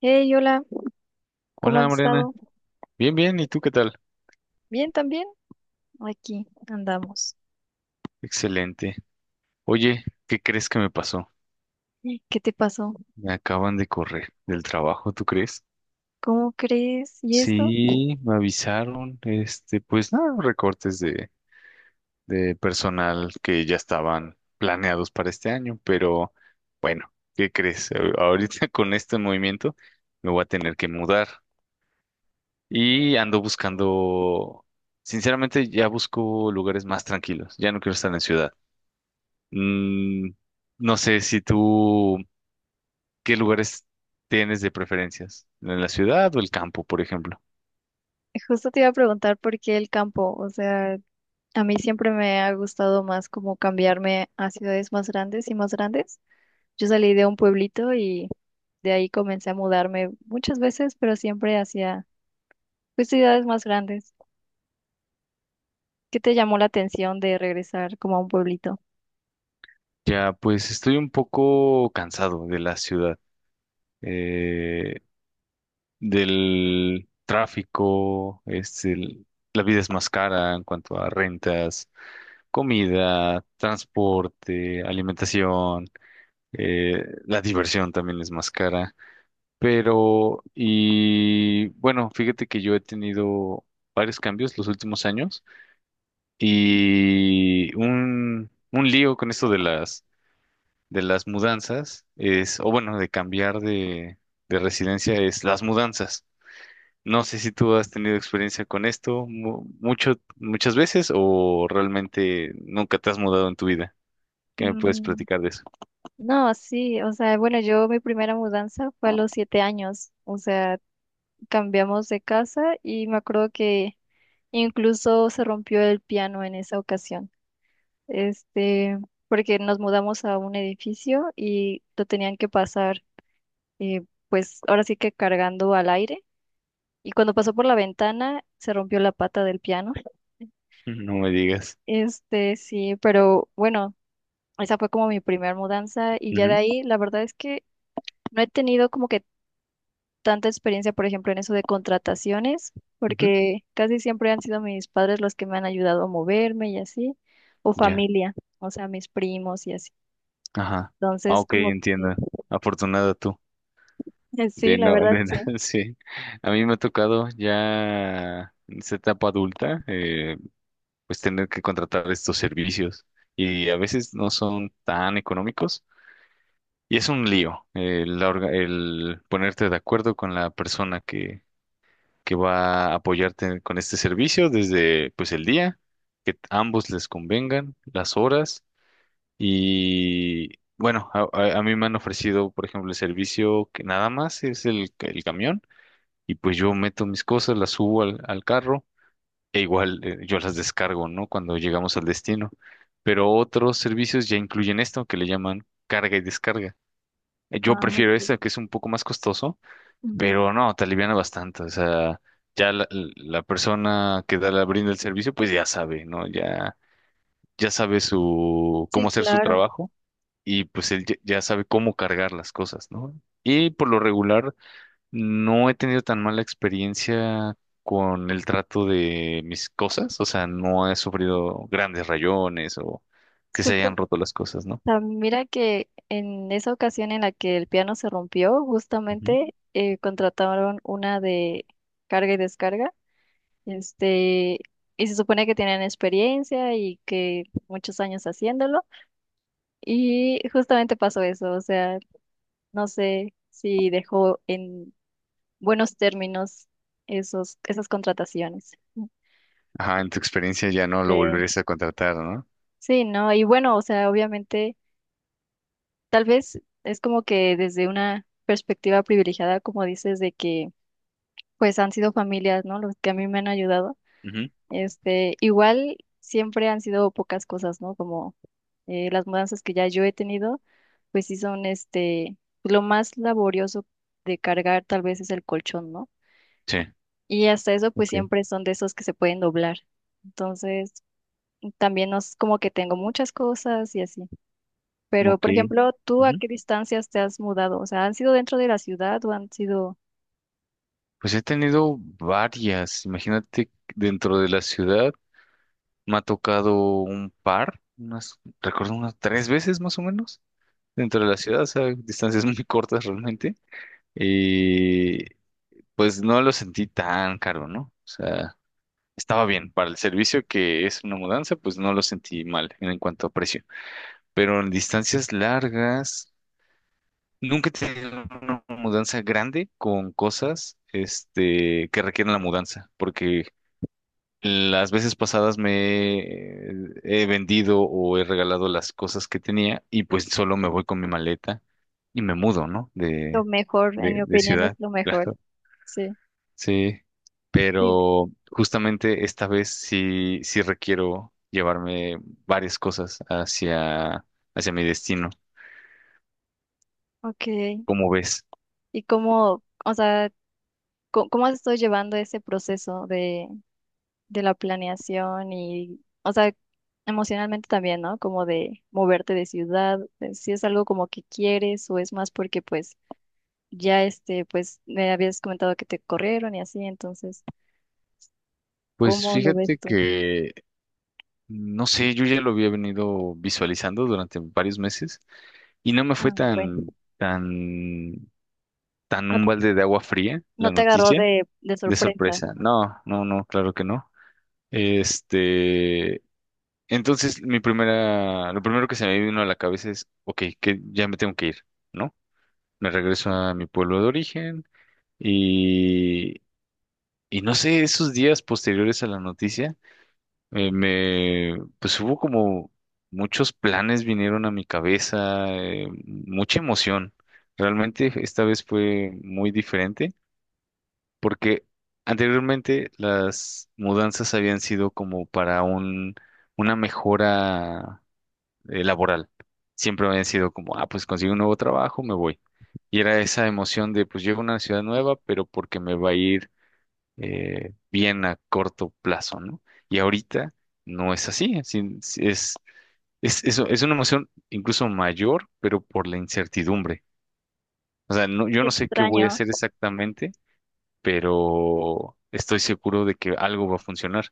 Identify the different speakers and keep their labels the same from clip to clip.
Speaker 1: Hey, hola, ¿cómo has
Speaker 2: Hola Mariana,
Speaker 1: estado?
Speaker 2: bien, bien, ¿y tú qué tal?
Speaker 1: Bien, también. Aquí andamos.
Speaker 2: Excelente. Oye, ¿qué crees que me pasó?
Speaker 1: ¿Qué te pasó?
Speaker 2: Me acaban de correr del trabajo, ¿tú crees?
Speaker 1: ¿Cómo crees? ¿Y eso?
Speaker 2: Sí, me avisaron, pues nada, recortes de personal que ya estaban planeados para este año, pero bueno, ¿qué crees? Ahorita con este movimiento me voy a tener que mudar y ando buscando, sinceramente ya busco lugares más tranquilos, ya no quiero estar en ciudad. Mm, no sé si tú, ¿qué lugares tienes de preferencias? ¿En la ciudad o el campo, por ejemplo?
Speaker 1: Justo te iba a preguntar por qué el campo. O sea, a mí siempre me ha gustado más como cambiarme a ciudades más grandes y más grandes. Yo salí de un pueblito y de ahí comencé a mudarme muchas veces, pero siempre hacia pues, ciudades más grandes. ¿Qué te llamó la atención de regresar como a un pueblito?
Speaker 2: Ya, pues estoy un poco cansado de la ciudad, eh, del tráfico, la vida es más cara en cuanto a rentas, comida, transporte, alimentación, la diversión también es más cara. Pero, y bueno, fíjate que yo he tenido varios cambios los últimos años y un lío con esto de de las mudanzas es, o bueno, de cambiar de residencia es las mudanzas. No sé si tú has tenido experiencia con esto mucho, muchas veces o realmente nunca te has mudado en tu vida. ¿Qué me puedes
Speaker 1: Mm.
Speaker 2: platicar de eso?
Speaker 1: No, sí, o sea, bueno, yo mi primera mudanza fue a los 7 años, o sea, cambiamos de casa y me acuerdo que incluso se rompió el piano en esa ocasión, este, porque nos mudamos a un edificio y lo tenían que pasar, eh, pues ahora sí que cargando al aire y cuando pasó por la ventana se rompió la pata del piano,
Speaker 2: No me digas.
Speaker 1: sí, pero bueno, esa fue como mi primera mudanza y ya de
Speaker 2: Ujú,
Speaker 1: ahí la verdad es que no he tenido como que tanta experiencia, por ejemplo, en eso de contrataciones,
Speaker 2: ujú.
Speaker 1: porque casi siempre han sido mis padres los que me han ayudado a moverme y así, o
Speaker 2: Ya.
Speaker 1: familia, o sea, mis primos y así.
Speaker 2: Ajá. Ah,
Speaker 1: Entonces,
Speaker 2: ok,
Speaker 1: como que
Speaker 2: entiendo. Afortunada tú.
Speaker 1: sí, la verdad
Speaker 2: De no-
Speaker 1: sí.
Speaker 2: sí. A mí me ha tocado ya en esta etapa adulta, pues tener que contratar estos servicios y a veces no son tan económicos y es un lío ponerte de acuerdo con la persona que va a apoyarte con este servicio desde pues el día, que ambos les convengan, las horas y bueno, a mí me han ofrecido, por ejemplo, el servicio que nada más es el camión y pues yo meto mis cosas, las subo al carro e igual yo las descargo, ¿no? Cuando llegamos al destino. Pero otros servicios ya incluyen esto que le llaman carga y descarga. Yo
Speaker 1: Ah,
Speaker 2: prefiero
Speaker 1: ok.
Speaker 2: esta que es un poco más costoso,
Speaker 1: Ujú.
Speaker 2: pero no, te aliviana bastante. O sea, ya la persona que da la brinda el servicio, pues ya sabe, ¿no? Ya, ya sabe su,
Speaker 1: Sí,
Speaker 2: cómo hacer su
Speaker 1: claro.
Speaker 2: trabajo y pues él ya sabe cómo cargar las cosas, ¿no? Y por lo regular no he tenido tan mala experiencia con el trato de mis cosas, o sea, no he sufrido grandes rayones o
Speaker 1: Es
Speaker 2: que se
Speaker 1: justo, o
Speaker 2: hayan roto las cosas, ¿no?
Speaker 1: sea, mira que en esa ocasión en la que el piano se rompió,
Speaker 2: Ujú.
Speaker 1: justamente contrataron una de carga y descarga. Este, y se supone que tienen experiencia y que muchos años haciéndolo. Y justamente pasó eso, o sea, no sé si dejó en buenos términos esas contrataciones.
Speaker 2: Ajá, en tu experiencia ya no
Speaker 1: Sí,
Speaker 2: lo volverías a contratar, ¿no?
Speaker 1: sí, ¿no? Y bueno, o sea, obviamente, tal vez es como que desde una perspectiva privilegiada, como dices, de que pues han sido familias, ¿no? Los que a mí me han ayudado.
Speaker 2: Ujú.
Speaker 1: Igual siempre han sido pocas cosas, ¿no? Como las mudanzas que ya yo he tenido, pues sí son lo más laborioso de cargar tal vez es el colchón, ¿no?
Speaker 2: Sí,
Speaker 1: Y hasta eso, pues
Speaker 2: ok,
Speaker 1: siempre son de esos que se pueden doblar. Entonces, también no es como que tengo muchas cosas y así. Pero,
Speaker 2: ok.
Speaker 1: por ejemplo, ¿tú a
Speaker 2: Ujú.
Speaker 1: qué distancias te has mudado? O sea, ¿han sido dentro de la ciudad o han sido
Speaker 2: Pues he tenido varias, imagínate, dentro de la ciudad me ha tocado un par, unas, recuerdo unas tres veces más o menos, dentro de la ciudad, o sea, distancias muy cortas realmente. Pues no lo sentí tan caro, ¿no? O sea, estaba bien. Para el servicio que es una mudanza, pues no lo sentí mal en cuanto a precio. Pero en distancias largas, nunca he tenido una mudanza grande con cosas, que requieren la mudanza, porque las veces pasadas me he vendido o he regalado las cosas que tenía y pues solo me voy con mi maleta y me mudo, ¿no?
Speaker 1: lo mejor? En mi
Speaker 2: De
Speaker 1: opinión, es
Speaker 2: ciudad.
Speaker 1: lo mejor. Sí.
Speaker 2: Sí,
Speaker 1: Sí.
Speaker 2: pero justamente esta vez sí, sí requiero llevarme varias cosas hacia, hacia mi destino.
Speaker 1: Ok.
Speaker 2: ¿Cómo ves?
Speaker 1: O sea, ¿cómo has estado llevando ese proceso de la planeación y, o sea, emocionalmente también, ¿no? Como de moverte de ciudad, si es algo como que quieres o es más porque pues ya pues me habías comentado que te corrieron y así, entonces,
Speaker 2: Pues
Speaker 1: ¿cómo lo ves
Speaker 2: fíjate
Speaker 1: tú?
Speaker 2: que, no sé, yo ya lo había venido visualizando durante varios meses y no me
Speaker 1: Ah,
Speaker 2: fue
Speaker 1: bueno,
Speaker 2: tan
Speaker 1: no,
Speaker 2: un balde de agua fría
Speaker 1: no
Speaker 2: la
Speaker 1: te agarró
Speaker 2: noticia
Speaker 1: de
Speaker 2: de
Speaker 1: sorpresa.
Speaker 2: sorpresa. No, no, no, claro que no. Este, Entonces, lo primero que se me vino a la cabeza es, ok, que ya me tengo que ir, ¿no? Me regreso a mi pueblo de origen y, y no sé, esos días posteriores a la noticia, pues hubo como muchos planes vinieron a mi cabeza, mucha emoción. Realmente esta vez fue muy diferente porque anteriormente las mudanzas habían sido como para una mejora laboral. Siempre habían sido como, ah, pues consigo un nuevo trabajo, me voy. Y era esa emoción de, pues llego a una ciudad nueva, pero porque me va a ir bien a corto plazo, ¿no? Y ahorita no es así, es una emoción incluso mayor, pero por la incertidumbre. O sea, no, yo
Speaker 1: Qué
Speaker 2: no sé qué voy a
Speaker 1: extraño.
Speaker 2: hacer exactamente, pero estoy seguro de que algo va a funcionar.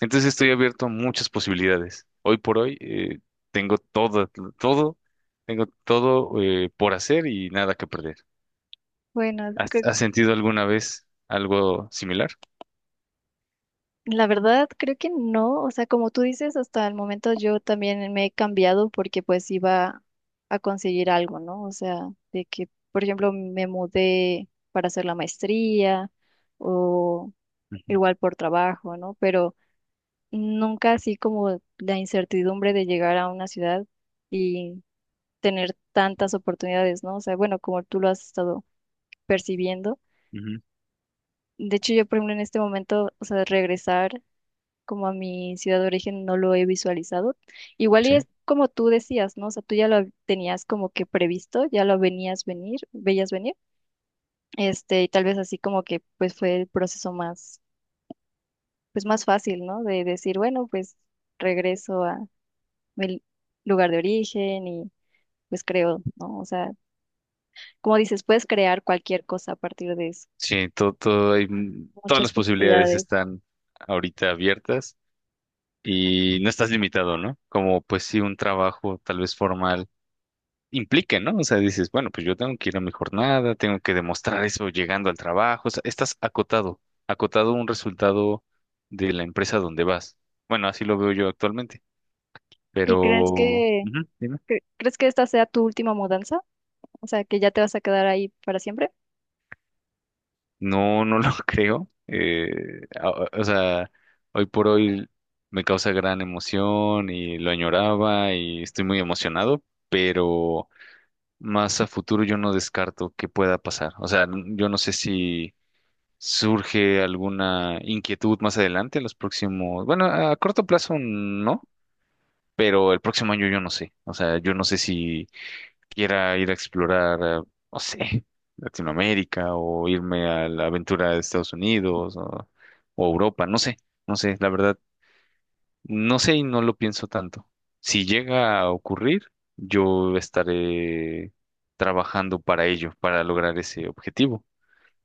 Speaker 2: Entonces estoy abierto a muchas posibilidades. Hoy por hoy tengo todo, tengo todo por hacer y nada que perder.
Speaker 1: Bueno,
Speaker 2: ¿Has, has sentido alguna vez algo similar?
Speaker 1: la verdad, creo que no. O sea, como tú dices, hasta el momento yo también me he cambiado porque pues iba a conseguir algo, ¿no? O sea, de que, por ejemplo, me mudé para hacer la maestría o
Speaker 2: Ujú,
Speaker 1: igual por trabajo, ¿no? Pero nunca así como la incertidumbre de llegar a una ciudad y tener tantas oportunidades, ¿no? O sea, bueno, como tú lo has estado percibiendo.
Speaker 2: ujú,
Speaker 1: De hecho, yo, por ejemplo, en este momento, o sea, regresar como a mi ciudad de origen no lo he visualizado. Igual y
Speaker 2: sí,
Speaker 1: es como tú decías, ¿no? O sea, tú ya lo tenías como que previsto, ya lo veías venir, y tal vez así como que pues fue el proceso más, pues más fácil, ¿no? De decir, bueno, pues regreso a mi lugar de origen y pues creo, ¿no? O sea, como dices, puedes crear cualquier cosa a partir de eso,
Speaker 2: sí, todo, todo hay, mm, todas
Speaker 1: muchas
Speaker 2: las posibilidades
Speaker 1: posibilidades.
Speaker 2: están ahorita abiertas y no estás limitado, ¿no? Como pues sí, un trabajo tal vez formal implique, ¿no? O sea, dices, bueno, pues yo tengo que ir a mi jornada, tengo que demostrar eso llegando al trabajo, o sea, estás acotado, acotado a un resultado de la empresa donde vas. Bueno, así lo veo yo actualmente,
Speaker 1: ¿Y crees
Speaker 2: pero
Speaker 1: que,
Speaker 2: ujú, dime.
Speaker 1: crees que esta sea tu última mudanza? ¿O sea, que ya te vas a quedar ahí para siempre?
Speaker 2: No, no lo creo. O sea, hoy por hoy me causa gran emoción y lo añoraba y estoy muy emocionado, pero más a futuro yo no descarto que pueda pasar. O sea, yo no sé si surge alguna inquietud más adelante, en los próximos, bueno, a corto plazo no, pero el próximo año yo no sé, o sea, yo no sé si quiera ir a explorar, no sé, Latinoamérica o irme a la aventura de Estados Unidos o Europa, no sé, no sé, la verdad, no sé y no lo pienso tanto. Si llega a ocurrir, yo estaré trabajando para ello, para lograr ese objetivo,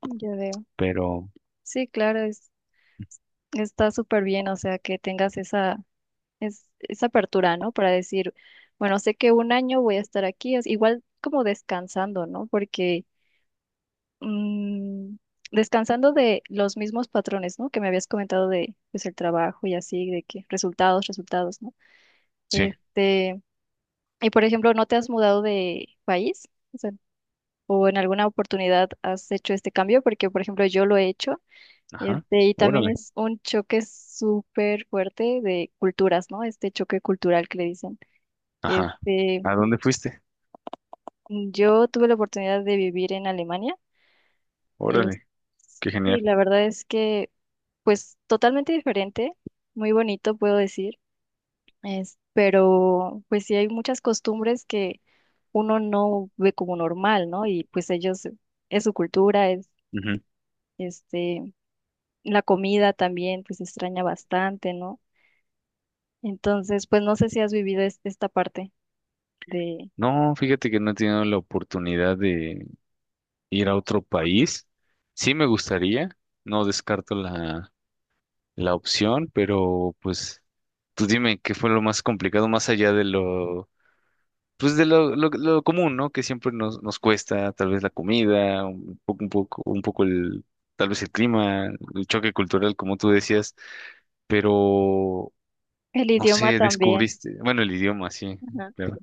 Speaker 1: Ya veo.
Speaker 2: pero
Speaker 1: Sí, claro, está súper bien, o sea, que tengas esa apertura, ¿no? Para decir, bueno, sé que un año voy a estar aquí, es igual como descansando, ¿no? Porque mm, descansando de los mismos patrones, ¿no? Que me habías comentado de, pues, el trabajo y así, de que resultados, resultados, ¿no?
Speaker 2: sí,
Speaker 1: Este, y por ejemplo, ¿no te has mudado de país? O sea, o en alguna oportunidad has hecho este cambio, porque por ejemplo yo lo he hecho.
Speaker 2: ajá,
Speaker 1: Y también
Speaker 2: órale.
Speaker 1: es un choque súper fuerte de culturas, ¿no? Este choque cultural que le dicen.
Speaker 2: Ajá.
Speaker 1: Este,
Speaker 2: ¿A dónde fuiste?
Speaker 1: yo tuve la oportunidad de vivir en Alemania. Es-
Speaker 2: Órale, qué
Speaker 1: sí,
Speaker 2: genial.
Speaker 1: la verdad es que, pues, totalmente diferente, muy bonito, puedo decir. Pero, pues, sí hay muchas costumbres que uno no ve como normal, ¿no? Y pues ellos, es su cultura,
Speaker 2: Ujú.
Speaker 1: este, la comida también, pues, se extraña bastante, ¿no? Entonces, pues no sé si has vivido esta parte de.
Speaker 2: No, fíjate que no he tenido la oportunidad de ir a otro país. Sí me gustaría, no descarto la opción, pero pues tú dime qué fue lo más complicado más allá de lo, pues de lo común, ¿no? Que siempre nos cuesta, tal vez la comida, un poco tal vez el clima, el choque cultural, como tú decías, pero
Speaker 1: El
Speaker 2: no
Speaker 1: idioma
Speaker 2: sé,
Speaker 1: también.
Speaker 2: descubriste, bueno, el idioma, sí,
Speaker 1: Ajá.
Speaker 2: claro.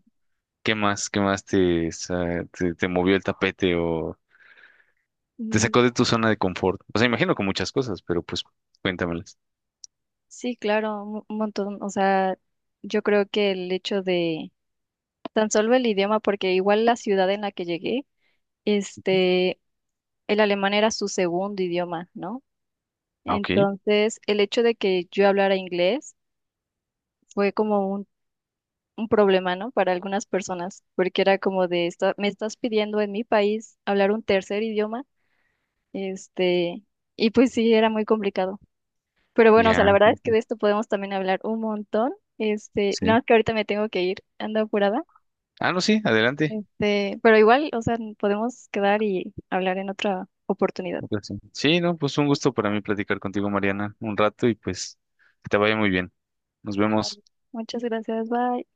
Speaker 2: Qué más te movió el tapete o te
Speaker 1: Mm.
Speaker 2: sacó de tu zona de confort? O sea, imagino con muchas cosas, pero pues cuéntamelas.
Speaker 1: Sí, claro, un montón. O sea, yo creo que el hecho de tan solo el idioma, porque igual la ciudad en la que llegué, este, el alemán era su segundo idioma, ¿no?
Speaker 2: Ah, ok,
Speaker 1: Entonces, el hecho de que yo hablara inglés fue como un problema, ¿no? Para algunas personas, porque era como de, Me estás pidiendo en mi país hablar un tercer idioma". Este, y pues sí, era muy complicado. Pero bueno, o sea, la
Speaker 2: ya,
Speaker 1: verdad es que de esto podemos también hablar un montón. Nada
Speaker 2: sí.
Speaker 1: más que ahorita me tengo que ir, ando apurada.
Speaker 2: Ah, no, sí, adelante.
Speaker 1: Pero igual, o sea, podemos quedar y hablar en otra oportunidad.
Speaker 2: Ok, sí, sí, no, pues un gusto para mí platicar contigo, Mariana, un rato y pues que te vaya muy bien. Nos vemos.
Speaker 1: Vale. Muchas gracias, bye.